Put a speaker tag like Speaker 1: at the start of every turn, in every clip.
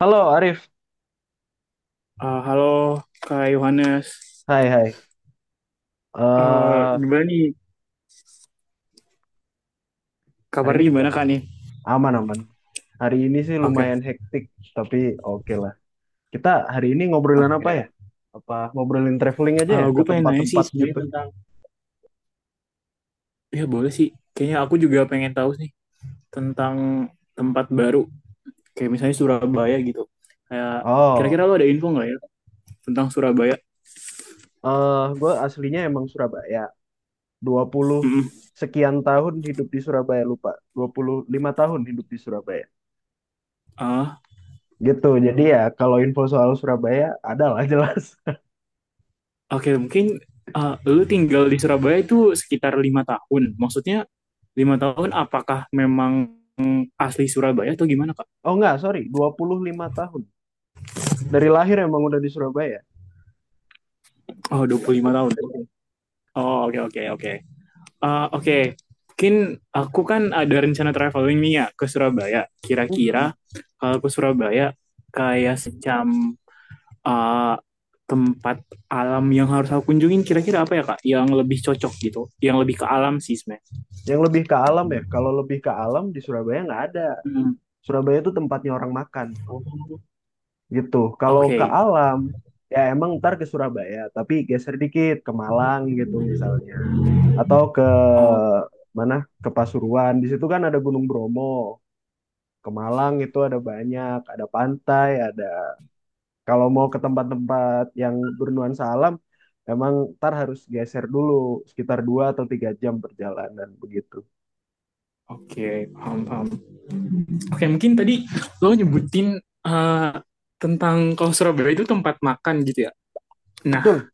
Speaker 1: Halo Arif,
Speaker 2: Halo Kak Yohanes.
Speaker 1: hai hai.
Speaker 2: Eh,
Speaker 1: Eh
Speaker 2: gimana nih
Speaker 1: Hari ini
Speaker 2: kabarnya
Speaker 1: kita
Speaker 2: gimana Kak nih?
Speaker 1: aman-aman. Hari ini sih
Speaker 2: Oke,
Speaker 1: lumayan hektik, tapi oke lah. Kita hari ini ngobrolin apa
Speaker 2: oke.
Speaker 1: ya? Apa ngobrolin traveling aja ya ke
Speaker 2: Gue pengen nanya sih
Speaker 1: tempat-tempat
Speaker 2: sebenarnya
Speaker 1: gitu?
Speaker 2: tentang, ya boleh sih. Kayaknya aku juga pengen tahu sih tentang tempat baru, kayak misalnya Surabaya gitu. Kayak
Speaker 1: Oh,
Speaker 2: kira-kira lo ada info nggak ya tentang Surabaya?
Speaker 1: gue aslinya emang Surabaya. 20
Speaker 2: Mm-mm.
Speaker 1: sekian tahun hidup di Surabaya, lupa. 25 tahun hidup di Surabaya.
Speaker 2: Ah,
Speaker 1: Gitu, jadi ya kalau info soal Surabaya ada lah jelas.
Speaker 2: oke mungkin lo tinggal di Surabaya itu sekitar 5 tahun. Maksudnya 5 tahun apakah memang asli Surabaya atau gimana Kak?
Speaker 1: Oh enggak, sorry, dua puluh lima tahun. Dari lahir emang udah di Surabaya.
Speaker 2: Oh, 25 tahun. Oh, oke, oke, oke. Oke, okay. Mungkin aku kan ada rencana traveling nih ya ke Surabaya. Kira-kira
Speaker 1: Hmm.
Speaker 2: kalau ke Surabaya kayak semacam ah, tempat alam yang harus aku kunjungin kira-kira apa ya Kak? Yang lebih cocok gitu, yang lebih ke alam sih sebenarnya.
Speaker 1: Yang lebih ke alam ya, kalau lebih ke alam di Surabaya nggak ada.
Speaker 2: Hmm.
Speaker 1: Surabaya itu tempatnya orang makan gitu. Kalau
Speaker 2: Oke,
Speaker 1: ke alam ya emang ntar ke Surabaya, tapi geser dikit ke Malang gitu misalnya, atau
Speaker 2: oh,
Speaker 1: mana ke Pasuruan. Di situ kan ada Gunung Bromo. Ke Malang itu ada banyak, ada pantai, ada. Kalau mau ke tempat-tempat yang bernuansa alam, emang ntar harus geser dulu sekitar 2 atau 3 jam perjalanan begitu.
Speaker 2: oke, paham, paham. Oke, mungkin tadi lo nyebutin eh, tentang kalau Surabaya itu tempat makan gitu ya. Nah,
Speaker 1: Betul.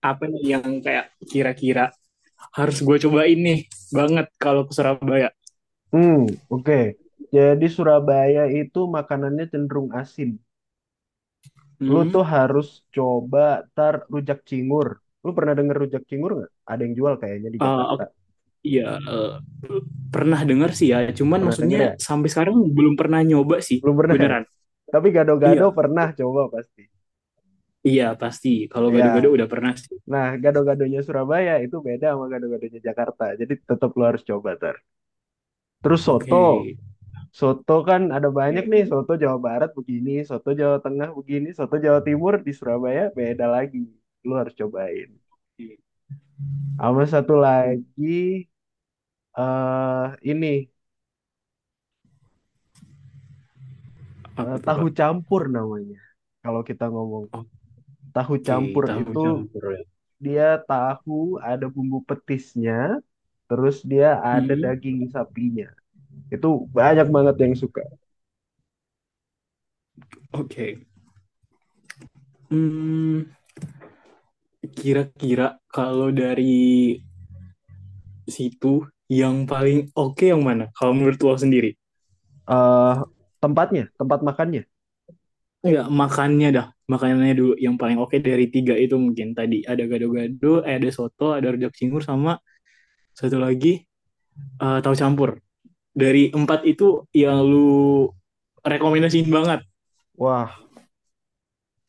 Speaker 2: apa yang kayak kira-kira harus gue cobain nih banget kalau ke Surabaya.
Speaker 1: Hmm, oke. Jadi Surabaya itu makanannya cenderung asin. Lu
Speaker 2: Hmm.
Speaker 1: tuh harus coba tar rujak cingur. Lu pernah denger rujak cingur nggak? Ada yang jual kayaknya di Jakarta.
Speaker 2: Oke, iya, eh, pernah dengar sih ya. Cuman
Speaker 1: Pernah denger ya?
Speaker 2: maksudnya sampai sekarang belum pernah nyoba sih,
Speaker 1: Belum pernah ya?
Speaker 2: beneran.
Speaker 1: Tapi gado-gado
Speaker 2: Iya,
Speaker 1: pernah coba pasti.
Speaker 2: iya pasti. Kalau gado-gado
Speaker 1: Iya.
Speaker 2: udah pernah sih.
Speaker 1: Nah, gado-gadonya Surabaya itu beda sama gado-gadonya Jakarta. Jadi tetap lu harus coba tar. Terus soto.
Speaker 2: Oke.
Speaker 1: Soto kan ada banyak nih.
Speaker 2: Oke,
Speaker 1: Soto Jawa Barat begini, soto Jawa Tengah begini, soto Jawa Timur di Surabaya beda lagi. Lu harus cobain. Sama satu
Speaker 2: hmm,
Speaker 1: lagi, eh ini
Speaker 2: apa tuh,
Speaker 1: tahu
Speaker 2: Kak?
Speaker 1: campur namanya. Kalau kita ngomong tahu
Speaker 2: Oke,
Speaker 1: campur
Speaker 2: tahu
Speaker 1: itu
Speaker 2: campur ya.
Speaker 1: dia tahu ada bumbu petisnya, terus dia ada
Speaker 2: Mm-mm.
Speaker 1: daging sapinya. Itu banyak banget yang suka.
Speaker 2: Oke. Hmm, kira-kira kalau dari situ yang paling oke yang mana? Kalau menurut lo sendiri?
Speaker 1: eh tempatnya, tempat makannya.
Speaker 2: Enggak, makannya dah. Makanannya dulu yang paling oke dari tiga itu mungkin tadi ada gado-gado, ada soto, ada rujak cingur sama satu lagi tahu campur. Dari empat itu yang lu rekomendasiin banget.
Speaker 1: Wah,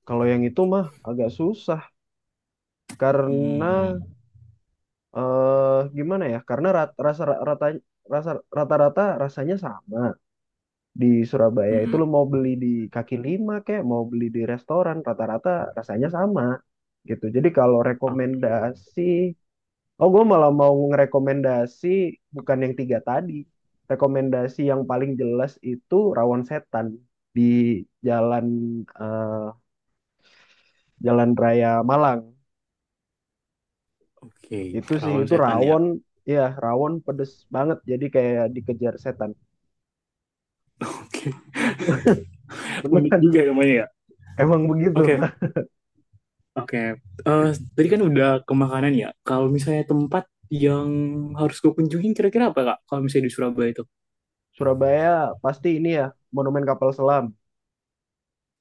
Speaker 1: kalau yang itu mah agak susah karena
Speaker 2: Hmm.
Speaker 1: gimana ya? Karena rata rasa rata-rata rasanya sama. Di Surabaya itu lo
Speaker 2: Mm-mm.
Speaker 1: mau beli di kaki lima kayak mau beli di restoran rata-rata rasanya sama gitu. Jadi kalau
Speaker 2: Ah,
Speaker 1: rekomendasi, oh gue malah mau ngerekomendasi bukan yang tiga tadi. Rekomendasi yang paling jelas itu Rawon Setan di jalan eh, Jalan Raya Malang.
Speaker 2: Oke,
Speaker 1: Itu sih
Speaker 2: Rawon
Speaker 1: itu
Speaker 2: Setan ya.
Speaker 1: rawon, ya rawon pedes banget. Jadi kayak dikejar setan.
Speaker 2: Oke, unik
Speaker 1: Beneran,
Speaker 2: juga namanya ya.
Speaker 1: emang begitu.
Speaker 2: Oke, oke. Eh, tadi kan udah ke makanan ya. Kalau misalnya tempat yang harus gue kunjungin kira-kira apa, Kak? Kalau misalnya di Surabaya itu.
Speaker 1: Surabaya pasti ini ya, Monumen Kapal Selam.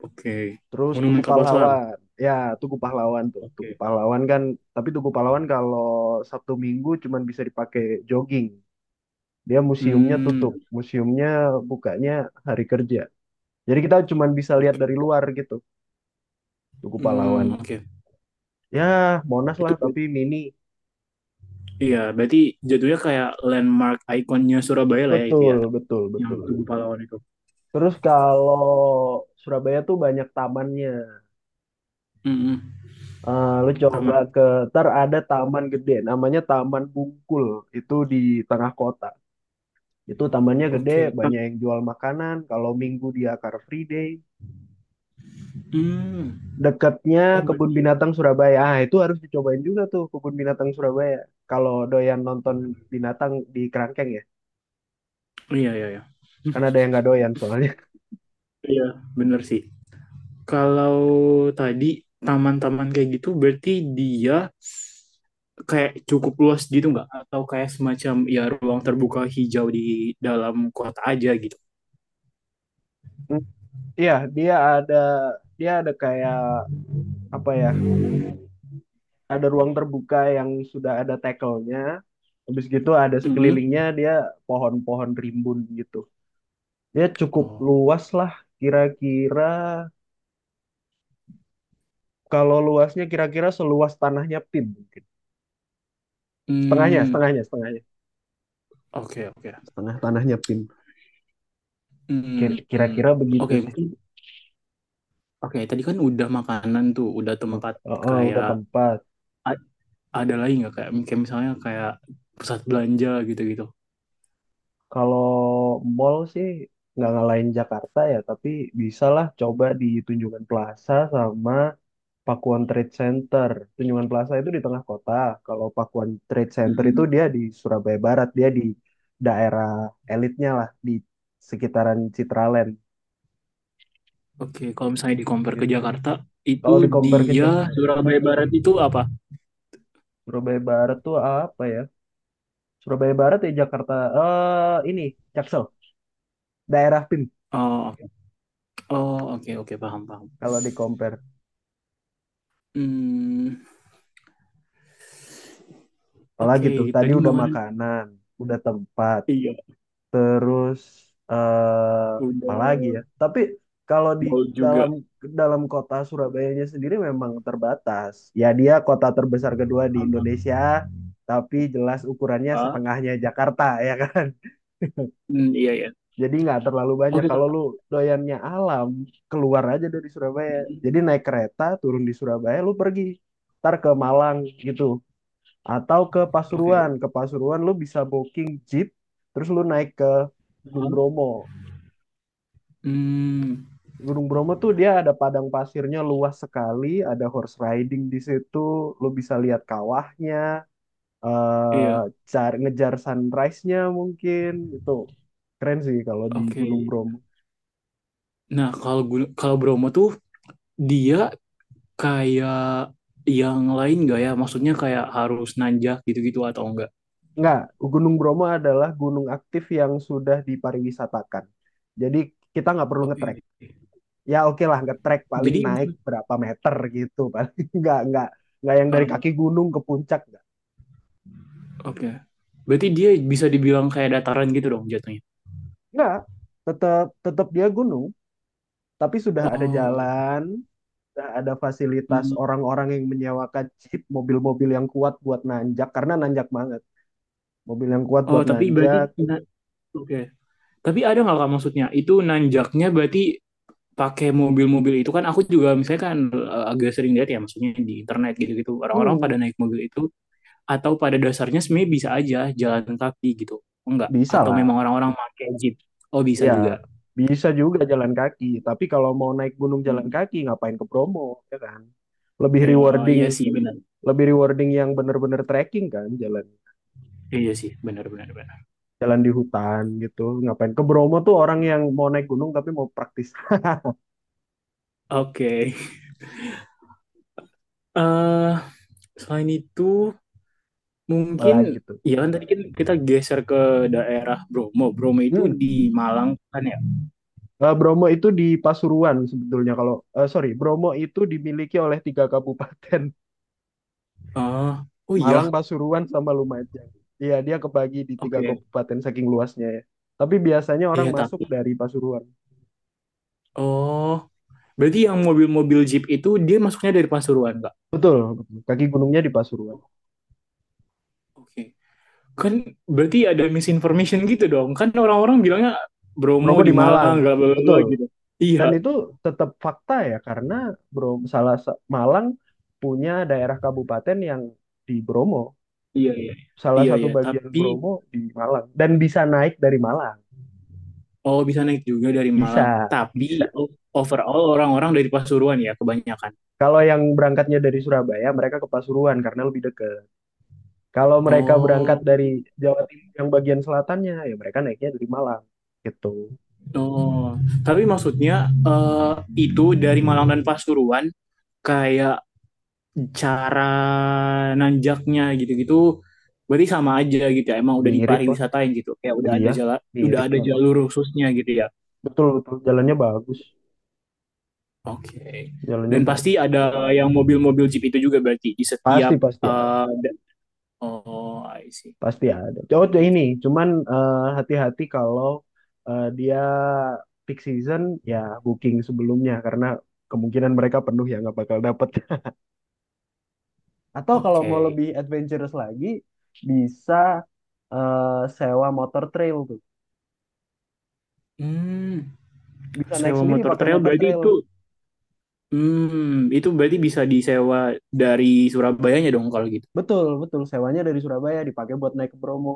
Speaker 2: Oke.
Speaker 1: Terus Tugu
Speaker 2: Monumen Kapal Selam.
Speaker 1: Pahlawan. Ya, Tugu Pahlawan tuh. Tugu
Speaker 2: Oke.
Speaker 1: Pahlawan kan, tapi Tugu Pahlawan kalau Sabtu Minggu cuman bisa dipakai jogging. Dia museumnya
Speaker 2: Hmm,
Speaker 1: tutup. Museumnya bukanya hari kerja. Jadi kita cuman bisa lihat dari
Speaker 2: oke.
Speaker 1: luar gitu, Tugu Pahlawan.
Speaker 2: Hmm, oke.
Speaker 1: Ya, Monas
Speaker 2: Itu
Speaker 1: lah
Speaker 2: ber-
Speaker 1: tapi mini.
Speaker 2: iya, berarti jatuhnya kayak landmark ikonnya Surabaya lah ya itu ya,
Speaker 1: Betul, betul,
Speaker 2: yang
Speaker 1: betul.
Speaker 2: Tugu Pahlawan itu.
Speaker 1: Terus kalau Surabaya tuh banyak tamannya.
Speaker 2: Hmm,
Speaker 1: Lu coba
Speaker 2: sama.
Speaker 1: ntar ada taman gede namanya Taman Bungkul, itu di tengah kota. Itu tamannya gede,
Speaker 2: Oke.
Speaker 1: banyak yang jual makanan. Kalau Minggu dia Car Free Day.
Speaker 2: Hmm.
Speaker 1: Dekatnya
Speaker 2: Oh,
Speaker 1: Kebun
Speaker 2: berarti.
Speaker 1: Binatang Surabaya. Ah, itu harus dicobain juga tuh Kebun Binatang Surabaya. Kalau doyan nonton binatang di kerangkeng ya.
Speaker 2: Iya, iya, iya.
Speaker 1: Karena ada yang nggak doyan soalnya.
Speaker 2: Iya, bener sih. Kalau tadi taman-taman kayak gitu berarti dia kayak cukup luas gitu nggak? Atau kayak semacam ya ruang terbuka hijau di dalam kota aja gitu?
Speaker 1: Hmm, iya, dia ada kayak apa ya? Ada ruang terbuka yang sudah ada tackle-nya. Habis gitu ada
Speaker 2: Mm-mm.
Speaker 1: sekelilingnya dia pohon-pohon rimbun gitu. Dia cukup
Speaker 2: Oh.
Speaker 1: luas lah. kira-kira Kalau luasnya kira-kira seluas tanahnya PIN mungkin. Setengahnya,
Speaker 2: Hmm,
Speaker 1: setengahnya, setengahnya.
Speaker 2: oke oke.
Speaker 1: Setengah tanahnya PIN. Kir-
Speaker 2: Mmm,
Speaker 1: Kira-kira begitu
Speaker 2: oke
Speaker 1: sih.
Speaker 2: mungkin oke tadi kan udah makanan tuh, udah tempat
Speaker 1: Udah
Speaker 2: kayak
Speaker 1: tempat.
Speaker 2: ad ada lagi nggak kayak kayak misalnya kayak pusat belanja gitu-gitu?
Speaker 1: Kalau mall sih nggak ngalahin Jakarta ya, tapi bisalah coba di Tunjungan Plaza sama Pakuan Trade Center. Tunjungan Plaza itu di tengah kota. Kalau Pakuan Trade Center itu
Speaker 2: Mhm,
Speaker 1: dia di Surabaya Barat, dia di daerah elitnya lah, di sekitaran Citraland
Speaker 2: oke kalau misalnya di-compare ke
Speaker 1: gitu.
Speaker 2: Jakarta, itu
Speaker 1: Kalau di compare ke
Speaker 2: dia
Speaker 1: Jakarta,
Speaker 2: Surabaya Barat itu apa?
Speaker 1: Surabaya Barat tuh apa ya? Surabaya Barat ya Jakarta. Ini Jaksel, daerah PIM
Speaker 2: Oh oh oke oke paham paham.
Speaker 1: kalau di compare.
Speaker 2: Mmm,
Speaker 1: Apalagi
Speaker 2: oke
Speaker 1: tuh tadi
Speaker 2: tadi
Speaker 1: udah
Speaker 2: makanan
Speaker 1: makanan, udah tempat,
Speaker 2: iya
Speaker 1: terus eh apalagi
Speaker 2: udah
Speaker 1: ya. Tapi kalau di
Speaker 2: mau juga
Speaker 1: dalam dalam kota Surabayanya sendiri memang terbatas. Ya dia kota terbesar kedua di
Speaker 2: sama
Speaker 1: Indonesia, tapi jelas ukurannya
Speaker 2: heeh,
Speaker 1: setengahnya Jakarta ya kan.
Speaker 2: mmm, iya iya.
Speaker 1: Jadi nggak terlalu banyak.
Speaker 2: Oke
Speaker 1: Kalau lu
Speaker 2: Kak,
Speaker 1: doyannya alam, keluar aja dari Surabaya.
Speaker 2: mhm,
Speaker 1: Jadi naik kereta, turun di Surabaya, lu pergi. Ntar ke Malang gitu. Atau ke
Speaker 2: oke,
Speaker 1: Pasuruan. Ke Pasuruan lu bisa booking jeep, terus lu naik ke Gunung
Speaker 2: heeh,
Speaker 1: Bromo.
Speaker 2: mmm,
Speaker 1: Gunung Bromo tuh dia ada padang pasirnya luas sekali, ada horse riding di situ, lu bisa lihat kawahnya, eh
Speaker 2: iya,
Speaker 1: ngejar sunrise-nya mungkin. Itu keren sih kalau di
Speaker 2: oke.
Speaker 1: Gunung Bromo.
Speaker 2: Nah, kalau Bromo tuh dia kayak yang lain nggak ya? Maksudnya kayak harus nanjak gitu-gitu atau enggak?
Speaker 1: Enggak, Gunung Bromo adalah gunung aktif yang sudah dipariwisatakan. Jadi kita nggak perlu
Speaker 2: Oke.
Speaker 1: ngetrek. Ya oke lah ngetrek paling
Speaker 2: Jadi
Speaker 1: naik berapa meter gitu. Paling nggak yang dari
Speaker 2: uh,
Speaker 1: kaki gunung ke puncak nggak.
Speaker 2: oke. Berarti dia bisa dibilang kayak dataran gitu dong jatuhnya.
Speaker 1: Nggak, tetap tetap dia gunung, tapi sudah ada
Speaker 2: Oh, oke.
Speaker 1: jalan, sudah ada fasilitas
Speaker 2: Hmm.
Speaker 1: orang-orang yang menyewakan jeep, mobil-mobil yang kuat buat nanjak karena nanjak banget. Mobil yang kuat
Speaker 2: Oh,
Speaker 1: buat
Speaker 2: tapi berarti
Speaker 1: nanjak,
Speaker 2: na- oke. Tapi ada nggak Kak maksudnya? Itu nanjaknya berarti pakai mobil-mobil itu kan aku juga misalnya kan agak sering lihat ya maksudnya di internet gitu-gitu orang-orang pada
Speaker 1: hmm,
Speaker 2: naik mobil itu atau pada dasarnya sebenarnya bisa aja jalan kaki gitu enggak
Speaker 1: bisa
Speaker 2: atau memang
Speaker 1: lah.
Speaker 2: orang-orang pakai jeep oh bisa
Speaker 1: Ya,
Speaker 2: juga
Speaker 1: bisa juga jalan kaki. Tapi kalau mau naik gunung jalan
Speaker 2: hmm.
Speaker 1: kaki, ngapain ke Bromo, ya kan? Lebih
Speaker 2: Eh,
Speaker 1: rewarding,
Speaker 2: iya sih benar
Speaker 1: lebih rewarding yang bener-bener trekking kan, jalan
Speaker 2: iya sih benar benar benar
Speaker 1: jalan di hutan gitu. Ngapain ke Bromo tuh orang yang mau naik gunung tapi mau praktis
Speaker 2: oke eh selain itu mungkin
Speaker 1: apalagi tuh.
Speaker 2: ya kan tadi kan kita geser ke daerah Bromo Bromo itu
Speaker 1: Hmm.
Speaker 2: di Malang kan ya
Speaker 1: Bromo itu di Pasuruan sebetulnya. Kalau sorry, Bromo itu dimiliki oleh tiga kabupaten,
Speaker 2: oh oh iya
Speaker 1: Malang, Pasuruan, sama Lumajang. Iya, dia kebagi di tiga
Speaker 2: oke
Speaker 1: kabupaten saking luasnya ya. Tapi biasanya orang
Speaker 2: iya
Speaker 1: masuk
Speaker 2: tapi
Speaker 1: dari Pasuruan.
Speaker 2: oh berarti yang mobil-mobil jeep itu dia masuknya dari Pasuruan enggak
Speaker 1: Betul, kaki gunungnya di Pasuruan.
Speaker 2: oke. Kan berarti ada misinformation gitu dong. Kan orang-orang bilangnya Bromo
Speaker 1: Bromo
Speaker 2: di
Speaker 1: di Malang.
Speaker 2: Malang, bla bla bla
Speaker 1: Betul.
Speaker 2: gitu. Iya,
Speaker 1: Dan itu tetap fakta ya karena Bro Malang punya daerah kabupaten yang di Bromo.
Speaker 2: iya, iya.
Speaker 1: Salah
Speaker 2: Iya,
Speaker 1: satu
Speaker 2: iya.
Speaker 1: bagian
Speaker 2: Tapi,
Speaker 1: Bromo di Malang dan bisa naik dari Malang.
Speaker 2: oh bisa naik juga dari
Speaker 1: Bisa,
Speaker 2: Malang.
Speaker 1: bisa.
Speaker 2: Tapi overall orang-orang dari Pasuruan ya kebanyakan.
Speaker 1: Kalau yang berangkatnya dari Surabaya, mereka ke Pasuruan karena lebih dekat. Kalau mereka berangkat
Speaker 2: Oh,
Speaker 1: dari Jawa Timur yang bagian selatannya, ya mereka naiknya dari Malang. Gitu.
Speaker 2: oh. Tapi maksudnya eh, itu dari Malang dan Pasuruan kayak cara nanjaknya gitu-gitu berarti sama aja gitu ya. Emang udah
Speaker 1: Mirip lah.
Speaker 2: dipariwisatain gitu. Kayak udah
Speaker 1: Iya,
Speaker 2: ada jalan, udah
Speaker 1: mirip.
Speaker 2: ada
Speaker 1: Heeh.
Speaker 2: jalur khususnya gitu ya.
Speaker 1: Betul, betul. Jalannya bagus.
Speaker 2: Oke.
Speaker 1: Jalannya
Speaker 2: Dan pasti
Speaker 1: bagus.
Speaker 2: ada yang mobil-mobil Jeep itu juga berarti di
Speaker 1: Pasti
Speaker 2: setiap
Speaker 1: pasti ada,
Speaker 2: uh, da- oh, I see.
Speaker 1: pasti ada. Oh,
Speaker 2: Oke.
Speaker 1: ini, cuman hati-hati kalau dia peak season ya booking sebelumnya karena kemungkinan mereka penuh ya nggak bakal dapet. Atau kalau mau
Speaker 2: Oke.
Speaker 1: lebih adventurous lagi bisa eh, sewa motor trail tuh.
Speaker 2: Hmm,
Speaker 1: Bisa naik
Speaker 2: sewa
Speaker 1: sendiri
Speaker 2: motor
Speaker 1: pakai
Speaker 2: trail
Speaker 1: motor
Speaker 2: berarti
Speaker 1: trail.
Speaker 2: itu hmm, itu berarti bisa disewa dari Surabayanya dong kalau gitu.
Speaker 1: Betul, betul. Sewanya dari Surabaya dipakai buat naik ke Bromo.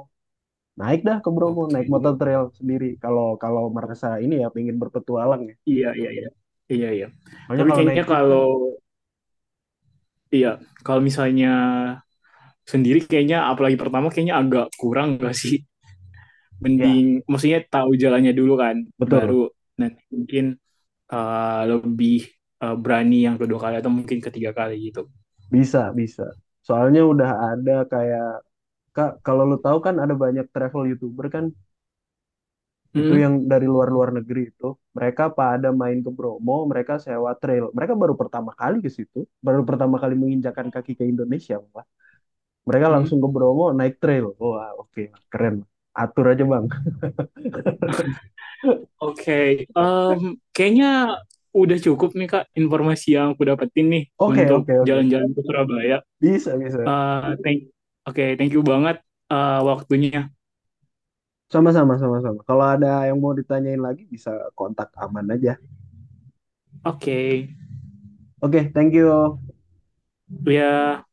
Speaker 1: Naik dah ke Bromo,
Speaker 2: Oke.
Speaker 1: naik motor trail sendiri. Kalau kalau merasa ini ya pengen berpetualang ya.
Speaker 2: Iya, iya, iya. Iya, iya.
Speaker 1: Soalnya
Speaker 2: Tapi
Speaker 1: kalau naik
Speaker 2: kayaknya
Speaker 1: jeep kan,
Speaker 2: kalau iya, kalau misalnya sendiri kayaknya apalagi pertama kayaknya agak kurang gak sih?
Speaker 1: ya.
Speaker 2: Mending maksudnya tahu jalannya dulu kan, baru
Speaker 1: Betul,
Speaker 2: nanti mungkin lebih berani yang kedua kali atau mungkin ketiga kali gitu.
Speaker 1: bisa, bisa. Soalnya udah ada kayak, Kak, kalau lu tahu kan ada banyak travel YouTuber kan, itu
Speaker 2: Hmm?
Speaker 1: yang dari luar-luar negeri itu, mereka pada main ke Bromo, mereka sewa trail. Mereka baru pertama kali ke situ, baru pertama kali menginjakan kaki ke Indonesia, Pak. Mereka
Speaker 2: Hmm?
Speaker 1: langsung ke Bromo naik trail. Wah, oke, keren. Atur aja, Bang.
Speaker 2: Oke, Em, kayaknya udah cukup nih Kak informasi yang aku dapetin nih
Speaker 1: Oke,
Speaker 2: untuk
Speaker 1: oke, oke.
Speaker 2: jalan-jalan ke Surabaya.
Speaker 1: Bisa, bisa.
Speaker 2: Eh, thank, Oke, okay, thank you banget waktunya.
Speaker 1: Sama-sama, sama-sama. Kalau ada yang mau ditanyain lagi, bisa kontak aman aja.
Speaker 2: Oke, okay.
Speaker 1: Oke, thank you.
Speaker 2: Ya.